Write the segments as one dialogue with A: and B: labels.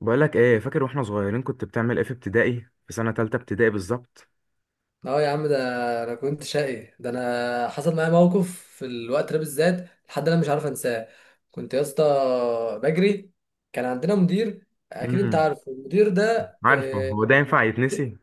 A: بقولك ايه، فاكر واحنا صغيرين كنت بتعمل ايه في ابتدائي؟ في سنة تالتة ابتدائي بالظبط.
B: اه يا عم ده. انا كنت شقي ده، انا حصل معايا موقف في الوقت ده بالذات، لحد انا مش عارف انساه. كنت يا اسطى بجري. كان عندنا مدير، اكيد انت
A: امم.
B: عارف المدير ده.
A: عارفه
B: آه،
A: هو ده ينفع
B: يعني.
A: يتنسي؟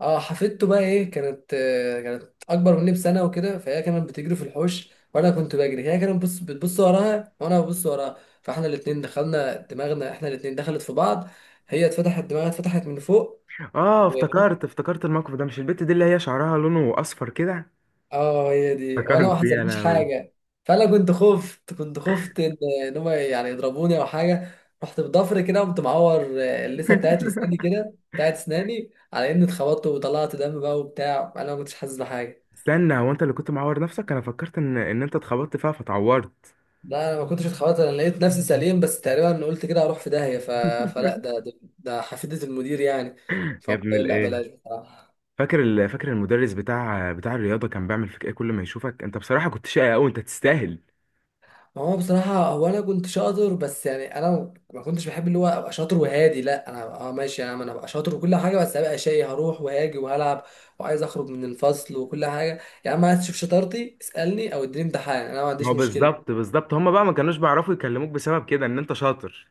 B: اه، حفيدته بقى ايه كانت، كانت اكبر مني بسنه وكده، فهي كانت بتجري في الحوش وانا كنت بجري، هي كانت بتبص بتبص وراها وانا ببص وراها، فاحنا الاتنين دخلنا دماغنا، احنا الاتنين دخلت في بعض. هي اتفتحت، دماغها اتفتحت من فوق.
A: اه، افتكرت الموقف ده. مش البت دي اللي هي شعرها لونه اصفر كده؟
B: اه، هي دي، وانا ما
A: افتكرت يا
B: حصلليش
A: لهوي.
B: حاجه. فانا كنت خفت ان هم يعني يضربوني او حاجه. رحت بضفر كده، قمت معور اللثه بتاعت لساني كده، بتاعت اسناني، على اني اتخبطت وطلعت دم بقى وبتاع، انا ما كنتش حاسس بحاجه.
A: استنى، هو انت اللي كنت معور نفسك؟ انا فكرت ان انت اتخبطت فيها فتعورت.
B: لا، انا ما كنتش اتخبطت، انا لقيت نفسي سليم، بس تقريبا قلت كده اروح في داهيه فلا ده حفيدة المدير يعني.
A: يا
B: فقلت
A: ابن
B: لا
A: الايه.
B: بلاش بصراحه.
A: فاكر المدرس بتاع الرياضة كان بيعمل فيك ايه كل ما يشوفك؟ انت بصراحة كنت شقي قوي، انت تستاهل.
B: هو بصراحة أنا كنت شاطر، بس يعني أنا ما كنتش بحب اللي هو أبقى شاطر وهادي. لا، أنا ماشي يا عم، أنا أبقى شاطر وكل حاجة، بس أبقى شقي، هروح وهاجي وهلعب، وعايز أخرج من الفصل وكل حاجة. يا عم، عايز تشوف شطارتي، اسألني أو اديني امتحان، أنا ما عنديش
A: هو
B: مشكلة.
A: بالظبط بالظبط، هما بقى ما كانوش بيعرفوا يكلموك بسبب كده ان انت شاطر.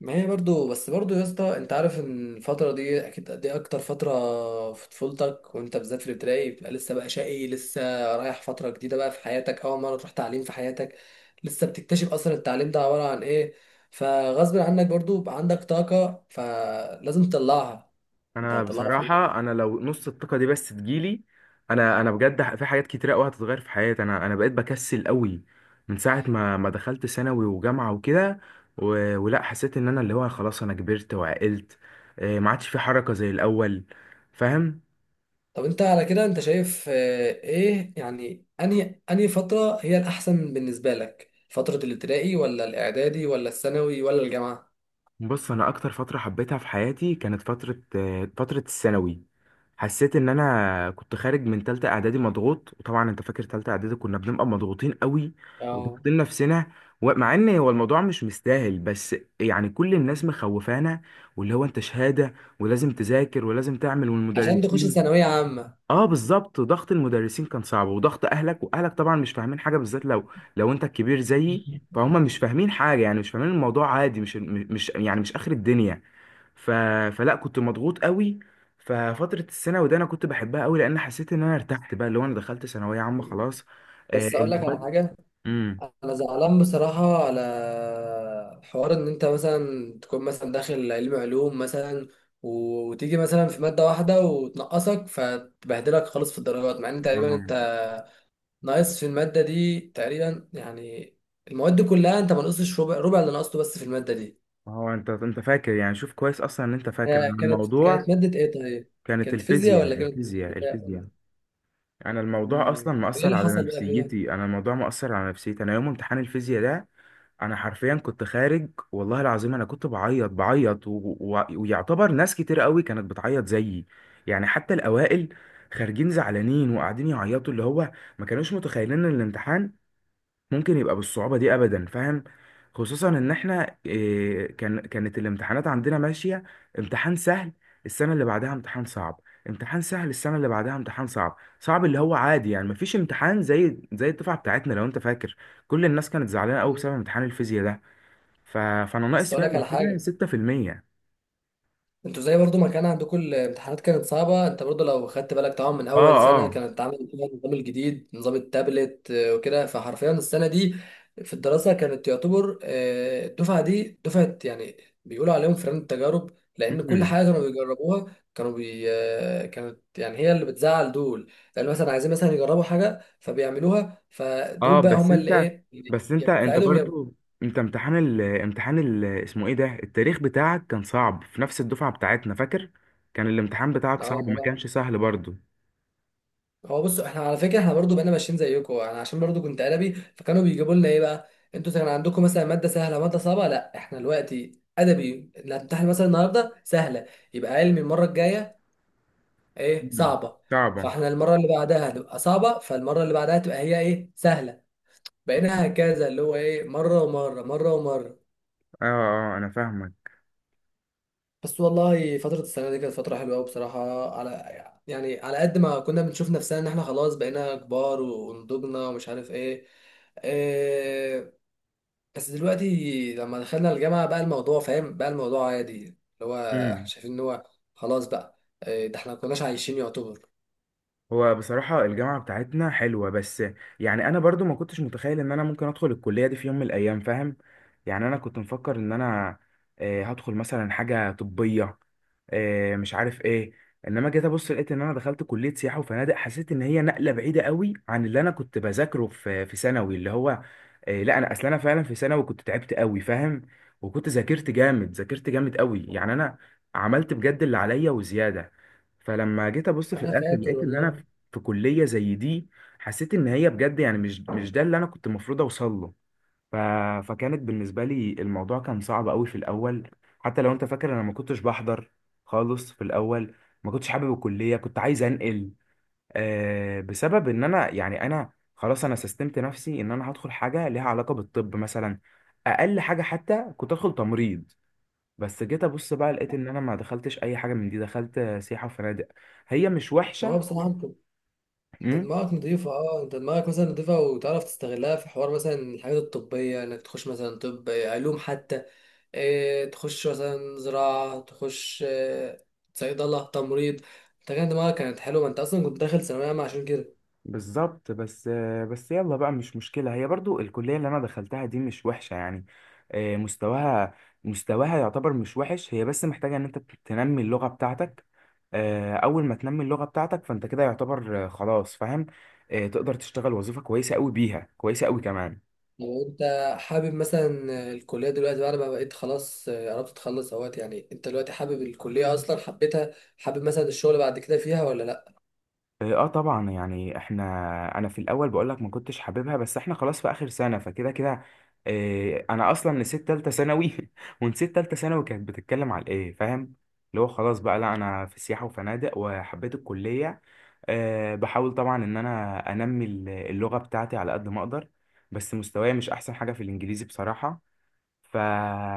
B: ما هي برضو بس برضو يا اسطى، انت عارف ان الفترة دي اكيد دي اكتر فترة في طفولتك، وانت بالذات في الابتدائي بتبقى لسه بقى شقي، لسه رايح فترة جديدة بقى في حياتك، اول مرة تروح تعليم في حياتك، لسه بتكتشف اصلا التعليم ده عبارة عن ايه. فغصب عنك برضو بقى عندك طاقة، فلازم تطلعها. انت
A: انا
B: هتطلعها في ايه؟
A: بصراحه، انا لو نص الطاقه دي بس تجيلي. انا بجد في حاجات كتيره قوي هتتغير في حياتي. انا بقيت بكسل قوي من ساعه ما دخلت ثانوي وجامعه وكده. ولا حسيت ان انا اللي هو خلاص انا كبرت وعقلت. ما عادش في حركه زي الاول، فاهم؟
B: طب انت على كده، انت شايف ايه يعني، انهي فترة هي الاحسن بالنسبة لك؟ فترة الابتدائي ولا الاعدادي ولا الثانوي ولا الجامعة؟
A: بص، انا اكتر فتره حبيتها في حياتي كانت فتره الثانوي. حسيت ان انا كنت خارج من تالتة اعدادي مضغوط، وطبعا انت فاكر تالتة اعدادي كنا بنبقى مضغوطين قوي
B: اه،
A: وضاغطين نفسنا. ومع ان هو الموضوع مش مستاهل، بس يعني كل الناس مخوفانا، واللي هو انت شهاده ولازم تذاكر ولازم تعمل،
B: عشان تخش
A: والمدرسين.
B: ثانوية عامة.
A: اه، بالظبط ضغط المدرسين كان صعب، وضغط اهلك. واهلك طبعا مش فاهمين حاجه، بالذات لو انت الكبير زيي. فهم مش فاهمين حاجه، يعني مش فاهمين الموضوع عادي، مش يعني مش اخر الدنيا. ف... فلا كنت مضغوط قوي. ففتره الثانوي ده انا كنت بحبها قوي، لان حسيت ان انا ارتحت بقى، اللي هو انا دخلت ثانويه عامه خلاص.
B: بس اقول لك على
A: المواد.
B: حاجة،
A: امم.
B: انا زعلان بصراحة على حوار ان انت مثلا تكون مثلا داخل علم علوم مثلا، وتيجي مثلا في مادة واحدة وتنقصك، فتبهدلك خالص في الدرجات، مع ان تقريبا انت ناقص في المادة دي تقريبا يعني، المواد دي كلها انت ما نقصتش ربع اللي نقصته، بس في المادة دي.
A: هو انت فاكر؟ يعني شوف كويس اصلا ان انت فاكر
B: آه، كانت
A: الموضوع.
B: كانت مادة ايه طيب؟
A: كانت
B: كانت فيزياء
A: الفيزياء،
B: ولا كانت؟
A: الفيزياء، الفيزياء. انا الموضوع اصلا
B: مم. ايه
A: مأثر
B: اللي
A: على
B: حصل بقى فيها؟
A: نفسيتي، انا الموضوع مأثر على نفسيتي. انا يوم امتحان الفيزياء ده، انا حرفيا كنت خارج والله العظيم. انا كنت بعيط بعيط ويعتبر ناس كتير قوي كانت بتعيط زيي، يعني حتى الاوائل خارجين زعلانين وقاعدين يعيطوا. اللي هو ما كانوش متخيلين ان الامتحان ممكن يبقى بالصعوبة دي أبدا، فاهم؟ خصوصا إن إحنا كانت الامتحانات عندنا ماشية. امتحان سهل، السنة اللي بعدها امتحان صعب. امتحان سهل، السنة اللي بعدها امتحان صعب صعب. اللي هو عادي، يعني مفيش امتحان زي الدفعة بتاعتنا لو أنت فاكر. كل الناس كانت زعلانة أوي
B: مم.
A: بسبب امتحان الفيزياء ده. فأنا
B: بس
A: ناقص
B: اقول
A: فيها
B: لك على
A: الوحيدة
B: حاجة،
A: 6%.
B: انتوا زي برضو ما كان عندكم الامتحانات كانت صعبة، انت برضو لو خدت بالك، طبعا من
A: اه،
B: اول سنة
A: اه.
B: كانت عامل فيها النظام الجديد، نظام التابلت وكده، فحرفيا السنة دي في الدراسة كانت تعتبر الدفعة دي دفعة يعني بيقولوا عليهم فران التجارب، لان كل
A: مم.
B: حاجة كانوا بيجربوها، كانوا بي اه، كانت يعني هي اللي بتزعل دول، يعني مثلا عايزين مثلا يجربوا حاجة فبيعملوها، فدول
A: اه،
B: بقى
A: بس
B: هما اللي
A: انت.
B: ايه،
A: بس
B: يا
A: انت
B: بتساعدهم
A: برضو، انت امتحان ال اسمه ايه ده، التاريخ بتاعك كان صعب في نفس الدفعة بتاعتنا، فاكر؟ كان الامتحان بتاعك
B: اه،
A: صعب،
B: ما
A: ما
B: انا.
A: كانش سهل برضو.
B: هو بص، احنا على فكره احنا برضو بقينا ماشيين زيكم، انا عشان برضو كنت ادبي، فكانوا بيجيبوا لنا ايه بقى. انتوا كان عندكم مثلا ماده سهله ماده صعبه، لا احنا دلوقتي ادبي، اللي هتمتحن مثلا النهارده سهله، يبقى علمي المره الجايه ايه
A: مم.
B: صعبه.
A: صعبة.
B: فاحنا المره اللي بعدها هتبقى صعبه، فالمره اللي بعدها تبقى هي ايه سهله. بقينا هكذا اللي هو ايه، مره ومره مره ومره.
A: اه، اه، انا فاهمك.
B: بس والله فترة السنة دي كانت فترة حلوة أوي بصراحة، على يعني على قد ما كنا بنشوف نفسنا إن إحنا خلاص بقينا كبار ونضجنا ومش عارف إيه. بس دلوقتي لما دخلنا الجامعة بقى الموضوع فاهم، بقى الموضوع عادي، اللي هو إحنا شايفين إن هو خلاص بقى. إيه ده، إحنا مكناش عايشين يعتبر.
A: هو بصراحة الجامعة بتاعتنا حلوة. بس يعني أنا برضو ما كنتش متخيل إن أنا ممكن أدخل الكلية دي في يوم من الأيام، فاهم؟ يعني أنا كنت مفكر إن أنا هدخل مثلا حاجة طبية. مش عارف إيه. إنما جيت أبص لقيت إن أنا دخلت كلية سياحة وفنادق. حسيت إن هي نقلة بعيدة قوي عن اللي أنا كنت بذاكره في ثانوي. اللي هو لا، أنا أصل أنا فعلا في ثانوي كنت تعبت قوي، فاهم؟ وكنت ذاكرت جامد، ذاكرت جامد قوي، يعني أنا عملت بجد اللي عليا وزيادة. فلما جيت ابص في
B: أنا
A: الاخر
B: فاكر
A: لقيت ان انا
B: والله.
A: في كلية زي دي. حسيت ان هي بجد، يعني مش ده اللي انا كنت المفروض اوصل له. ف... فكانت بالنسبة لي الموضوع كان صعب قوي في الاول. حتى لو انت فاكر انا ما كنتش بحضر خالص في الاول. ما كنتش حابب الكلية، كنت عايز انقل. بسبب ان انا، يعني انا خلاص انا سستمت نفسي ان انا هدخل حاجة ليها علاقة بالطب مثلا. اقل حاجة حتى كنت ادخل تمريض. بس جيت ابص بقى لقيت ان انا ما دخلتش اي حاجة من دي، دخلت سياحة وفنادق. هي مش
B: ما هو
A: وحشة.
B: بصراحة انت دماغك نضيفة، انت دماغك مثلا نضيفة، وتعرف تستغلها في حوار مثلا الحاجات الطبية، انك تخش مثلا طب، علوم حتى، اه تخش مثلا زراعة، تخش صيدلة، تمريض. انت كان دماغك كانت حلوة، ما انت اصلا كنت داخل ثانوية عامة عشان كده.
A: بالظبط. بس يلا بقى، مش مشكلة. هي برضو الكلية اللي أنا دخلتها دي مش وحشة يعني. مستواها، مستواها يعتبر مش وحش. هي بس محتاجة إن أنت تنمي اللغة بتاعتك. أول ما تنمي اللغة بتاعتك فأنت كده يعتبر خلاص، فاهم؟ تقدر تشتغل وظيفة كويسة أوي بيها، كويسة أوي كمان.
B: لو انت حابب مثلا الكلية دلوقتي بعد ما بقيت خلاص قربت تخلص اهوت، يعني انت دلوقتي حابب الكلية اصلا، حبيتها، حابب مثلا الشغل بعد كده فيها ولا لا؟
A: اه، طبعا، يعني احنا. انا في الاول بقول لك ما كنتش حاببها، بس احنا خلاص في اخر سنه، فكده كده. اه، انا اصلا نسيت تالته ثانوي ونسيت تالته ثانوي كانت بتتكلم على ايه، فاهم؟ اللي هو خلاص بقى، لا، انا في سياحه وفنادق، وحبيت الكليه. اه، بحاول طبعا ان انا انمي اللغه بتاعتي على قد ما اقدر. بس مستواي مش احسن حاجه في الانجليزي بصراحه. ف...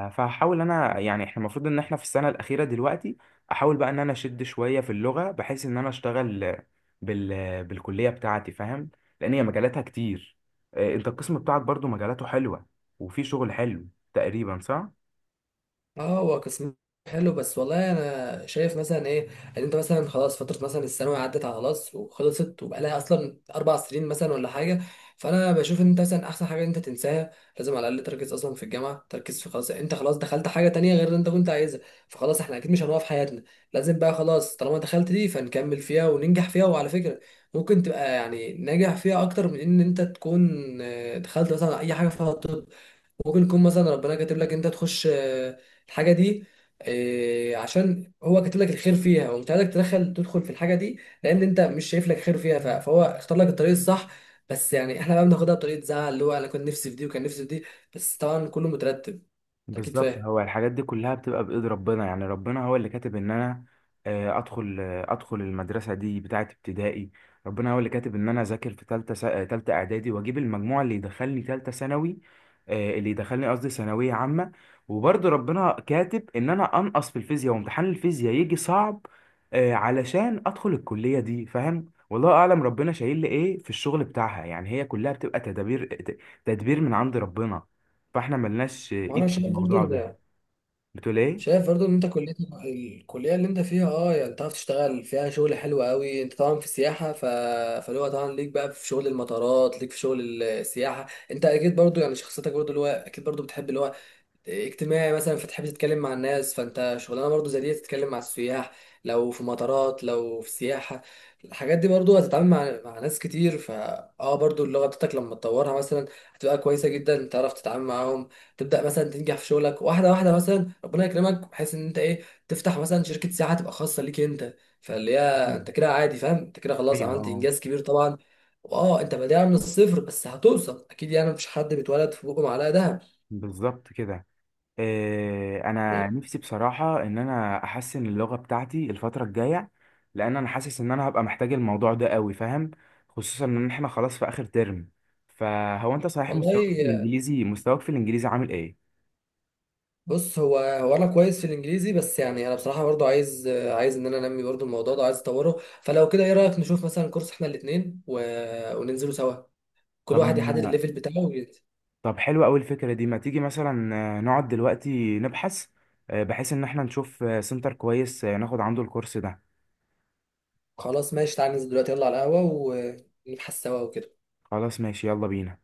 A: فهحاول انا، يعني احنا المفروض ان احنا في السنه الاخيره دلوقتي. احاول بقى ان انا اشد شويه في اللغه، بحيث ان انا اشتغل بالكليه بتاعتي، فاهم؟ لان هي مجالاتها كتير. انت القسم بتاعك برضو مجالاته حلوه، وفي شغل حلو، تقريبا صح؟
B: اه، هو قسم حلو، بس والله انا شايف مثلا ايه، ان انت مثلا خلاص فتره مثلا الثانوي عدت على خلاص وخلصت، وبقالها اصلا 4 سنين مثلا ولا حاجه، فانا بشوف ان انت مثلا احسن حاجه إن انت تنساها. لازم على الاقل تركز اصلا في الجامعه، تركز في خلاص، انت خلاص دخلت حاجه تانية غير اللي انت كنت عايزها، فخلاص احنا اكيد مش هنوقف حياتنا. لازم بقى خلاص، طالما دخلت دي فنكمل فيها وننجح فيها. وعلى فكره، ممكن تبقى يعني ناجح فيها اكتر من ان انت تكون دخلت مثلا اي حاجه فيها طب. ممكن يكون مثلا ربنا كاتب لك انت تخش الحاجه دي، عشان هو كاتب لك الخير فيها، ومش عايزك تدخل في الحاجه دي، لان انت مش شايف لك خير فيها، فهو اختار لك الطريق الصح. بس يعني احنا بقى بناخدها بطريقه زعل، اللي هو انا كنت نفسي في دي وكان نفسي في دي، بس طبعا كله مترتب. أنت اكيد
A: بالظبط.
B: فاهم.
A: هو الحاجات دي كلها بتبقى بإيد ربنا، يعني ربنا هو اللي كاتب ان انا ادخل المدرسة دي بتاعة ابتدائي. ربنا هو اللي كاتب ان انا اذاكر في تالتة س- آه، تالتة اعدادي واجيب المجموع اللي يدخلني تالتة ثانوي. اللي يدخلني قصدي ثانوية عامة. وبرضه ربنا كاتب ان انا انقص في الفيزياء وامتحان الفيزياء يجي صعب. علشان ادخل الكلية دي، فاهم؟ والله اعلم ربنا شايل لي ايه في الشغل بتاعها، يعني هي كلها بتبقى تدابير، تدبير من عند ربنا. فاحنا ملناش
B: وانا
A: ايد في
B: شايف برضه
A: الموضوع ده.
B: ان
A: بتقول ايه؟
B: شايف برضو ان انت الكلية اللي انت فيها يعني تعرف تشتغل فيها شغل حلو قوي، انت طبعا في السياحة فاللي هو طبعا ليك بقى في شغل المطارات، ليك في شغل السياحة. انت اكيد برضو يعني شخصيتك برضو اللي هو اكيد برضو بتحب اللي هو اجتماعي مثلا، فتحب تتكلم مع الناس، فانت شغلانه برضو زي دي تتكلم مع السياح، لو في مطارات لو في سياحه. الحاجات دي برضو هتتعامل مع ناس كتير، فا اه برضو اللغه بتاعتك لما تطورها مثلا هتبقى كويسه جدا، تعرف تتعامل معاهم. تبدا مثلا تنجح في شغلك واحده واحده، مثلا ربنا يكرمك بحيث ان انت ايه، تفتح مثلا شركه سياحه تبقى خاصه ليك انت، فاللي هي
A: مم.
B: انت كده عادي فاهم، انت كده خلاص
A: ايوه،
B: عملت
A: اه.
B: انجاز كبير طبعا. انت بادئها من الصفر، بس هتوصل اكيد، يعني مفيش حد بيتولد في بقه معلقه دهب.
A: بالظبط كده. إيه، انا
B: إيه،
A: نفسي بصراحه ان انا احسن اللغه بتاعتي الفتره الجايه، لان انا حاسس ان انا هبقى محتاج الموضوع ده قوي، فاهم؟ خصوصا ان احنا خلاص في اخر ترم. فهو انت صحيح مستواك في
B: والله
A: الانجليزي، مستواك في الانجليزي عامل ايه؟
B: بص، هو انا كويس في الانجليزي، بس يعني انا بصراحه برضو عايز ان انا انمي برضو الموضوع ده، عايز اطوره. فلو كده ايه رايك نشوف مثلا كورس احنا الاثنين وننزله سوا، كل
A: طب
B: واحد يحدد
A: ما-
B: الليفل بتاعه وينزل.
A: طب، حلوه قوي الفكره دي. ما تيجي مثلا نقعد دلوقتي نبحث، بحيث ان احنا نشوف سنتر كويس ناخد عنده الكورس ده.
B: خلاص ماشي، تعال ننزل دلوقتي، يلا على القهوه ونبحث سوا وكده.
A: خلاص ماشي، يلا بينا.